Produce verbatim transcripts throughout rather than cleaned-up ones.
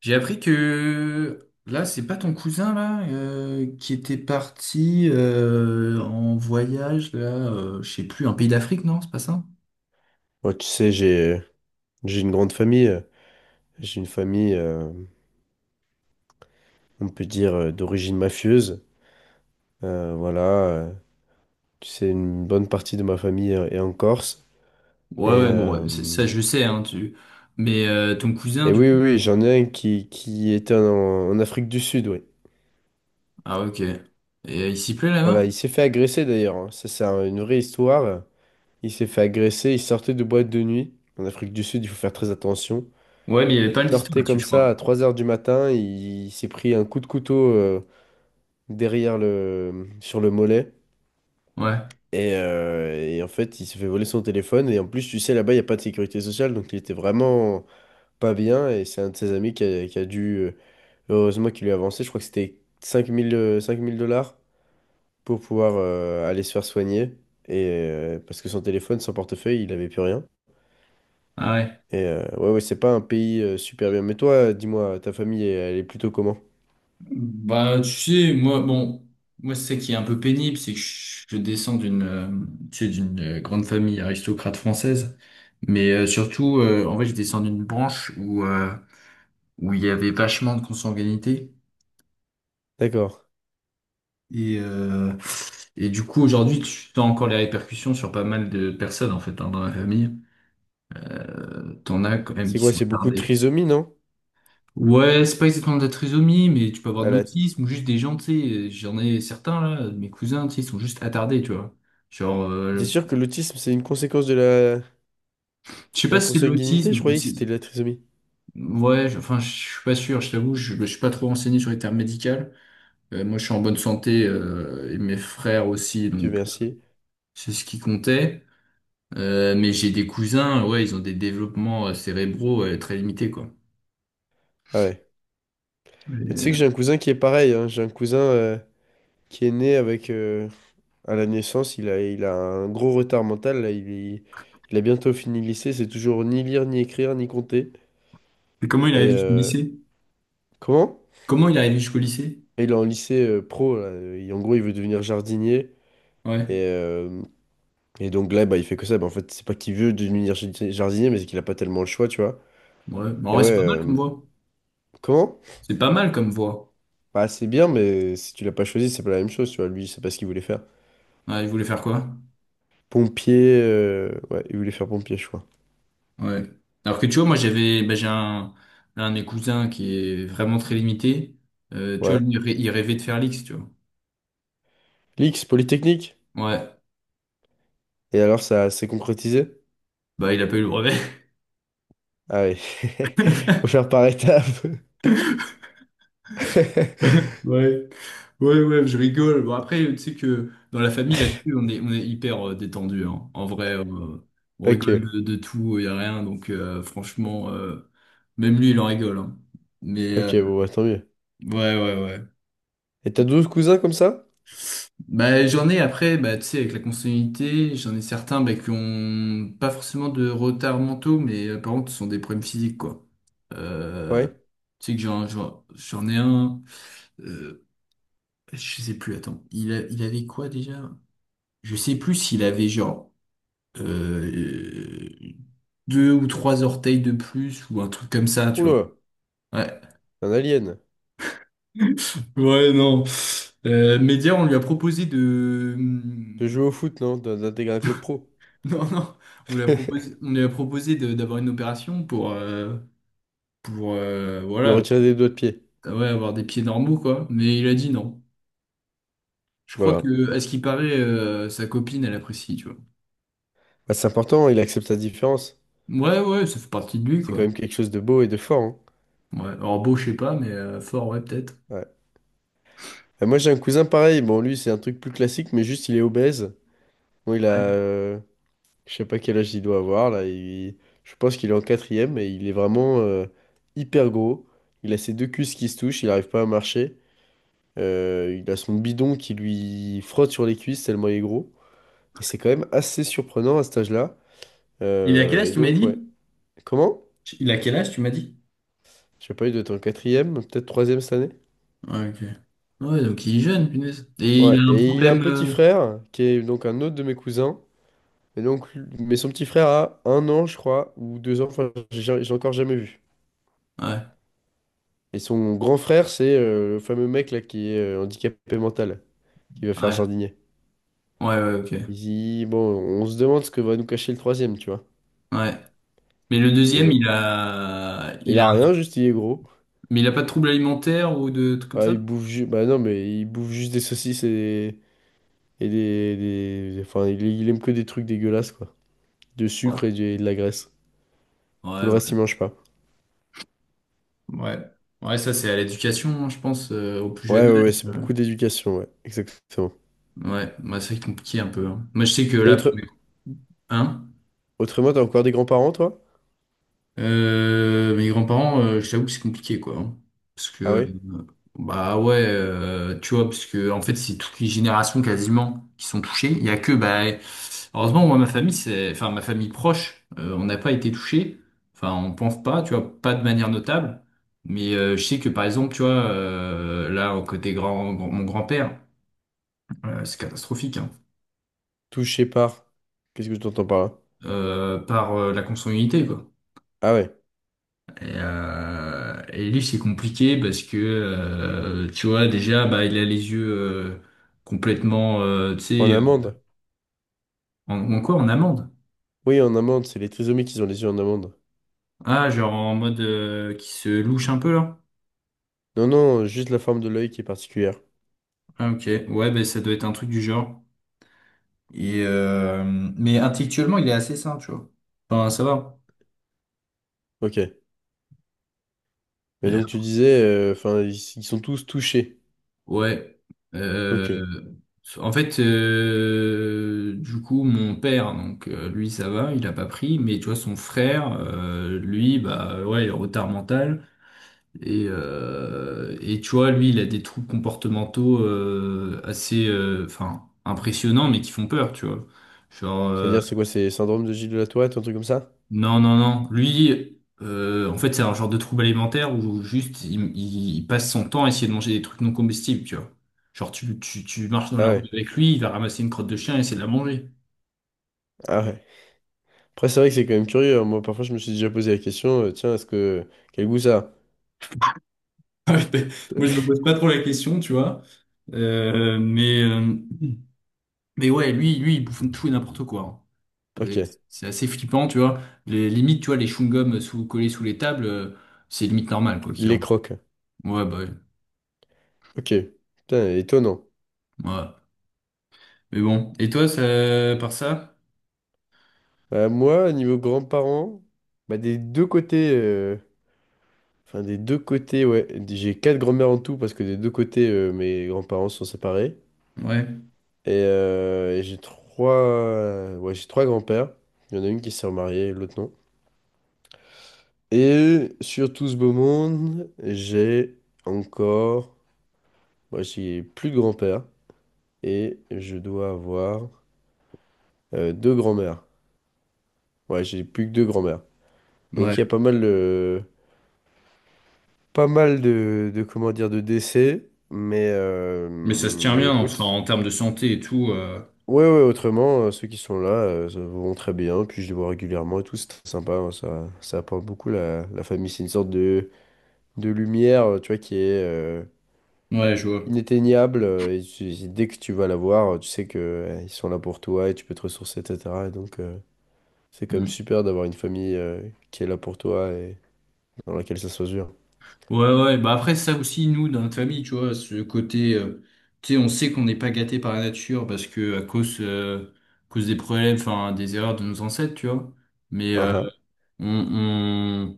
J'ai appris que là, c'est pas ton cousin là euh, qui était parti euh, en voyage là, euh, je sais plus, un pays d'Afrique, non? C'est pas ça? Ouais, tu sais, j'ai j'ai une grande famille. euh, J'ai une famille, euh, on peut dire, euh, d'origine mafieuse. Euh, voilà, euh, tu sais, une bonne partie de ma famille euh, est en Corse. Et, Ouais, ouais, bon, euh, ouais, c'est- ça je sais, hein, tu. Mais euh, ton cousin, et du oui, coup? oui, oui, j'en ai un qui, qui était en, en Afrique du Sud, oui. Ah, ok. Et euh, il s'y plaît là-bas? Voilà, il s'est fait agresser d'ailleurs, hein. Ça, c'est un- une vraie histoire. Il s'est fait agresser, il sortait de boîte de nuit. En Afrique du Sud, il faut faire très attention. Ouais, mais il y avait Il pas d'histoire sortait là-dessus, comme je ça à crois. trois heures du matin, il s'est pris un coup de couteau, euh, derrière le sur le mollet. Ouais. Et, euh, et en fait, il se fait voler son téléphone. Et en plus, tu sais, là-bas, il n'y a pas de sécurité sociale. Donc, il était vraiment pas bien. Et c'est un de ses amis qui a, qui a dû. euh, Heureusement qu'il lui a avancé. Je crois que c'était cinq mille dollars pour pouvoir euh, aller se faire soigner. Et, euh, parce que son téléphone, son portefeuille, il n'avait plus rien. Ah ouais. Et euh, ouais, ouais, c'est pas un pays euh, super bien. Mais toi, dis-moi, ta famille, elle, elle est plutôt comment? Bah, tu sais, moi, bon, moi, c'est ça qui est un peu pénible, c'est que je je descends d'une, euh, tu sais, d'une euh, grande famille aristocrate française, mais euh, surtout, euh, en fait, je descends d'une branche où euh, où il y avait vachement de consanguinité D'accord. et euh, et du coup, aujourd'hui, tu as encore les répercussions sur pas mal de personnes en fait hein, dans la famille. T'en as quand même C'est qui quoi? sont C'est beaucoup de retardés. trisomie, non? Ouais, c'est pas exactement de la trisomie, mais tu peux avoir de Elle. l'autisme ou juste des gens, tu sais, euh, j'en ai certains là, de mes cousins, tu sais, ils sont juste attardés, tu vois. Genre. T'es euh, sûr que l'autisme, c'est une conséquence de la, de Je sais pas la si c'est de consanguinité? Je l'autisme ou croyais que c'était si... de la trisomie. Ouais, je- enfin, je suis pas sûr, je t'avoue, je, je suis pas trop renseigné sur les termes médicaux. Euh, moi, je suis en bonne santé, euh, et mes frères aussi, Dieu donc merci. c'est ce qui comptait. Euh, mais j'ai des cousins, ouais, ils ont des développements euh, cérébraux euh, très limités, quoi. Ah ouais. Mais tu Et, sais que euh, j'ai un cousin qui est pareil, hein. J'ai un cousin euh, qui est né avec, euh, à la naissance, il a, il a un gros retard mental, là. Il, est- il a bientôt fini le lycée. C'est toujours ni lire, ni écrire, ni compter. et comment il est Et arrivé jusqu'au euh, lycée? Comment? Comment il est arrivé jusqu'au lycée? Et il est en lycée euh, pro, là. Et en gros, il veut devenir jardinier. Ouais, Et, euh, et donc là, bah, il fait que ça. Bah, en fait, c'est pas qu'il veut devenir jar- jardinier, mais c'est qu'il a pas tellement le choix, tu vois. ouais. Bon, en Et vrai, ouais, c'est pas mal comme euh, voix. comment? C'est pas mal comme voix. Bah, c'est bien, mais si tu l'as pas choisi, c'est pas la même chose, tu vois. Lui, c'est pas ce qu'il voulait faire. Ouais, il voulait faire quoi? Pompier, euh, ouais, il voulait faire pompier, je crois. Ouais. Alors que tu vois, moi j'avais, bah, j'ai un, un de mes cousins qui est vraiment très limité. Euh, tu vois, lui, Ouais. il rê- il rêvait de faire l'X, tu vois. L'X, Polytechnique. Ouais. Et alors, ça s'est concrétisé? Bah, il a pas eu le brevet. Ah oui. Faut faire par étapes. Ouais. Ouais, ouais, je rigole. Bon, après, tu sais que dans la famille, là-dessus, on est, on est hyper euh, détendu, hein. En vrai, euh, on Ok. rigole de, de tout, il y a rien. Donc, euh, franchement, euh, même lui, il en rigole, hein. Mais, euh, Ok, bon, bah, tant mieux. ouais, ouais, ouais. Et t'as douze cousins comme ça? Bah, j'en ai après, bah, tu sais, avec la consanguinité, j'en ai certains bah, qui ont pas forcément de retard mentaux, mais euh, par contre, ce sont des problèmes physiques, quoi. Euh, Ouais. Tu sais que j'en, j'en, j'en ai un, euh, je sais plus, attends, il, a- il avait quoi déjà? Je sais plus s'il avait genre euh, deux ou trois orteils de plus ou un truc comme ça, tu vois. Oula, Ouais. un alien. Ouais, non. Euh, Média, on lui a proposé de, De jouer au foot, non? D'un- D'intégrer un club pro. non, non, on lui a proposé, on lui a proposé de- d'avoir une opération pour, euh, pour euh, Lui voilà, avoir retirer des doigts de pied. ah ouais, avoir des pieds normaux, quoi. Mais il a dit non. Je crois Voilà. que, à ce qui paraît, euh, sa copine, elle apprécie, tu vois. Bah, c'est important, il accepte sa différence. Ouais, ouais, ça fait partie de lui, C'est quand quoi. même quelque chose de beau et de fort, hein. Ouais, alors beau, je sais pas, mais euh, fort, ouais, peut-être. Ouais. Et moi, j'ai un cousin pareil. Bon, lui, c'est un truc plus classique, mais juste, il est obèse. Bon, il a. Ouais. euh, Je sais pas quel âge il doit avoir là. il- Je pense qu'il est en quatrième et il est vraiment euh, hyper gros. Il a ses deux cuisses qui se touchent, il n'arrive pas à marcher. Euh, il a son bidon qui lui frotte sur les cuisses tellement il est gros. Et c'est quand même assez surprenant à cet âge-là. Il a quel Euh, âge, Et tu m'as donc ouais. dit? Comment? Il a quel âge, tu m'as dit? Je sais pas, il doit être en quatrième, peut-être troisième cette année. Ouais, ok. Ouais, donc il est jeune, punaise. Et il a Ouais. un Et il a un problème. petit euh, frère qui est donc un autre de mes cousins. Et donc, mais son petit frère a un an, je crois, ou deux ans. Enfin, j'ai j'ai encore jamais vu. Ouais, Et son grand frère, c'est euh, le fameux mec là qui est euh, handicapé mental, qui va faire ouais, jardinier. ouais, ouais, Il ok. dit, bon, on se demande ce que va nous cacher le troisième, tu vois. Ouais. Mais le Et ils deuxième, ont- il a, Il il a a rien, juste il est gros. mais il a pas de troubles alimentaires ou de trucs comme Bah, ça? il bouffe juste... Bah non, mais il bouffe juste des saucisses et des. Et des... des- Enfin, il, il aime que des trucs dégueulasses, quoi. De Ouais. sucre et, du- et de la graisse. Tout Ouais, le reste, ouais. il mange pas. Ouais, ouais, ça c'est à l'éducation, hein, je pense, euh, au plus Ouais, jeune ouais, ouais, âge. c'est beaucoup euh. d'éducation, ouais. Exactement. Ouais, bah, c'est compliqué un peu, hein. Moi je sais que Et là, pour mes- autre... hein? autrement, t'as encore des grands-parents, toi? Euh, mes grands-parents, euh, je t'avoue que c'est compliqué, quoi, hein. Parce que, Ah ouais? euh, bah ouais, euh, tu vois, parce que en fait, c'est toutes les générations quasiment qui sont touchées. Il y a que, bah, heureusement, moi, ma famille, c'est, enfin, ma famille proche, euh, on n'a pas été touché. Enfin, on pense pas, tu vois, pas de manière notable. Mais euh, je sais que, par exemple, tu vois, euh, là, au côté grand, mon grand-père, euh, c'est catastrophique, hein, Touché par. Qu'est-ce que tu entends par là? euh, par euh, la consanguinité, quoi. Ah ouais. Et, euh, et lui, c'est compliqué parce que, euh, tu vois, déjà, bah, il a les yeux euh, complètement, euh, tu sais, En euh, amende. en, ou encore en amande. Oui, en amande, c'est les trisomiques qui ont les yeux en amande. Ah, genre en mode euh, qui se louche un peu là. Non, non, juste la forme de l'œil qui est particulière. Ah, ok. Ouais, ben ça doit être un truc du genre. Et, euh, mais intellectuellement, il est assez sain, tu vois. Enfin, ça va. Ok. Mais donc tu disais, euh, enfin, ils, ils sont tous touchés. Ouais. Euh, Ok. En fait, euh, du coup, mon père, donc euh, lui, ça va, il a pas pris, mais tu vois, son frère, euh, lui, bah ouais, il a retard mental. Et, euh, et tu vois, lui, il a des troubles comportementaux euh, assez, euh, enfin, impressionnants, mais qui font peur, tu vois. Genre, euh, C'est-à-dire, c'est quoi, c'est syndrome de Gilles de la Tourette, un truc comme ça? non, non, non. Lui, euh, en fait, c'est un genre de trouble alimentaire où juste il, il- il passe son temps à essayer de manger des trucs non comestibles, tu vois. Genre, tu, tu, tu marches dans Ah la rue ouais, avec lui, il va ramasser une crotte de chien et essayer de la manger. ah ouais. Après, c'est vrai que c'est quand même curieux, hein. Moi, parfois, je me suis déjà posé la question, euh, tiens, est-ce que. Quel goût ça? Moi, je me pose pas trop la question, tu vois. Euh, mais, euh, mais ouais, lui, lui, il bouffe tout et n'importe quoi, A hein. Et Ok. c'est assez flippant, tu vois. Les limites, tu vois, les chewing-gums euh, sous, collés sous les tables, euh, c'est limite normal, quoi Il qu'il les en. croque. Ouais, bah, ouais. Ok. Putain, étonnant. Ouais. Mais bon. Et toi, ça, par ça? Bah, moi, niveau grands-parents, bah, des deux côtés... euh, Enfin, des deux côtés, ouais. J'ai quatre grands-mères en tout parce que des deux côtés, euh, mes grands-parents sont séparés. Ouais. Et, euh, et j'ai trois, euh, ouais, j'ai trois grands-pères. Il y en a une qui s'est remariée, l'autre non. Et sur tout ce beau monde, j'ai encore, moi j'ai plus de grands-pères et je dois avoir euh, deux grands-mères. Ouais, j'ai plus que deux grands-mères. Ouais. Donc il y a pas mal de, pas mal de, de comment dire, de décès. Mais, euh, Mais ça se tient mais bien, enfin, écoute, en termes de santé et tout. euh, ouais, ouais, autrement, euh, ceux qui sont là euh, ça vont très bien, puis je les vois régulièrement et tout, c'est très sympa, hein, ça, ça apporte beaucoup la, la famille, c'est une sorte de, de lumière, euh, tu vois, qui est euh, Ouais, je vois. inatteignable, euh, et tu- dès que tu vas la voir, euh, tu sais que euh, ils sont là pour toi et tu peux te ressourcer, et cetera. Et donc, euh, c'est quand même Mm. super d'avoir une famille euh, qui est là pour toi et dans laquelle ça se mesure. Ouais, ouais, bah après, ça aussi, nous, dans notre famille, tu vois, ce côté, euh, tu sais, on sait qu'on n'est pas gâté par la nature parce que à cause, euh, à cause des problèmes, enfin, des erreurs de nos ancêtres, tu vois. Mais Hein, euh, hein. on, on,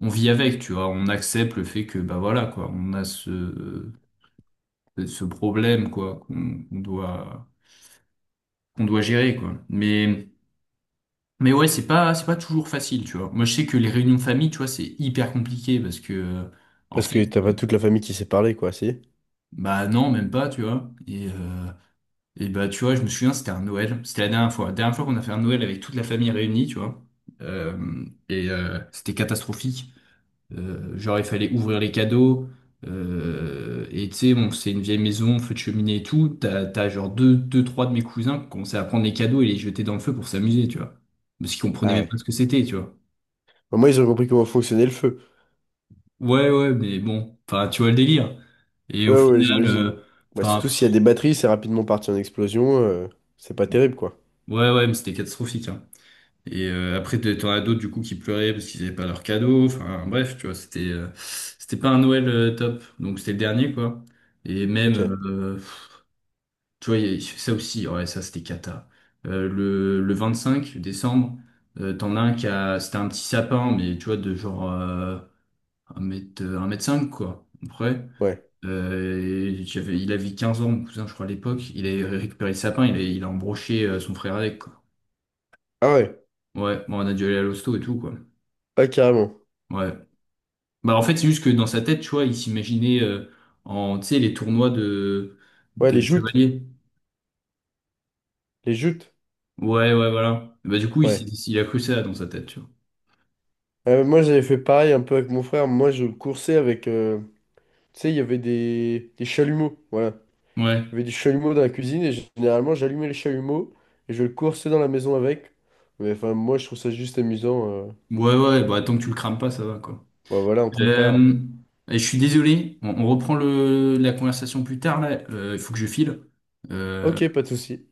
on vit avec, tu vois, on accepte le fait que, bah voilà, quoi, on a ce, ce problème, quoi, qu'on qu'on doit, qu'on doit gérer, quoi. Mais. Mais ouais, c'est pas, c'est pas toujours facile, tu vois. Moi, je sais que les réunions de famille, tu vois, c'est hyper compliqué parce que, euh, en Parce fait, que t'as pas euh, toute la famille qui sait parler, quoi, si? bah non, même pas, tu vois. Et, euh, et bah, tu vois, je me souviens, c'était un Noël. C'était la dernière fois. La dernière fois qu'on a fait un Noël avec toute la famille réunie, tu vois. Euh, et euh, c'était catastrophique. Euh, genre, il fallait ouvrir les cadeaux. Euh, et tu sais, bon, c'est une vieille maison, feu de cheminée et tout. T'as, t'as genre deux, deux, trois de mes cousins qui commençaient à prendre les cadeaux et les jeter dans le feu pour s'amuser, tu vois. Parce qu'ils comprenaient même pas Ouais. ce que c'était, tu vois. Au moins, ils ont compris comment fonctionnait le feu. Ouais, ouais, mais bon, enfin, tu vois le délire. Et au Ouais, ouais, final, j'imagine. euh, Bah, enfin, surtout s'il y a pff, des batteries, c'est rapidement parti en explosion, euh, c'est pas terrible, quoi. ouais, ouais, mais c'était catastrophique, hein. Et euh, après, t'en t'en as d'autres du coup qui pleuraient parce qu'ils n'avaient pas leur cadeau. Enfin, bref, tu vois, c'était euh, c'était pas un Noël euh, top. Donc c'était le dernier, quoi. Et Ok, même, euh, pff, tu vois, y a- ça aussi, ouais, ça c'était cata. Euh, le le cinq décembre, euh, t'en as un qui a, c'était un petit sapin, mais tu vois, de genre euh, 1 mètre, 1 mètre cinq, quoi, à peu près. ouais. Euh, et j'avais- il avait 15 ans, mon cousin, je crois, à l'époque. Il avait récupéré le sapin, il a, il a embroché euh, son frère avec, quoi. Ah ouais, Ouais, bon, on a dû aller à l'hosto et tout, quoi. ah, carrément. Ouais. Bah, en fait, c'est juste que dans sa tête, tu vois, il s'imaginait euh, en, tu sais, les tournois de, Ouais, les de joutes. chevaliers. Les joutes. Ouais, ouais, voilà. Bah, du coup, il, s'est- Ouais. il a cru ça dans sa tête, tu vois. Euh, moi, j'avais fait pareil un peu avec mon frère. Moi, je le coursais avec. euh, Tu sais, il y avait des... des chalumeaux. Voilà. Ouais. Il y avait des chalumeaux dans la cuisine et généralement, j'allumais les chalumeaux et je le coursais dans la maison avec. Mais enfin, moi, je trouve ça juste amusant. euh. Ouais, ouais, bah, tant que tu le crames pas, ça va, quoi. Bah, voilà, entre frères. Euh, et je suis désolé, on, on reprend le, la conversation plus tard, là. Euh, Il faut que je file. Euh, Ok, pas de souci.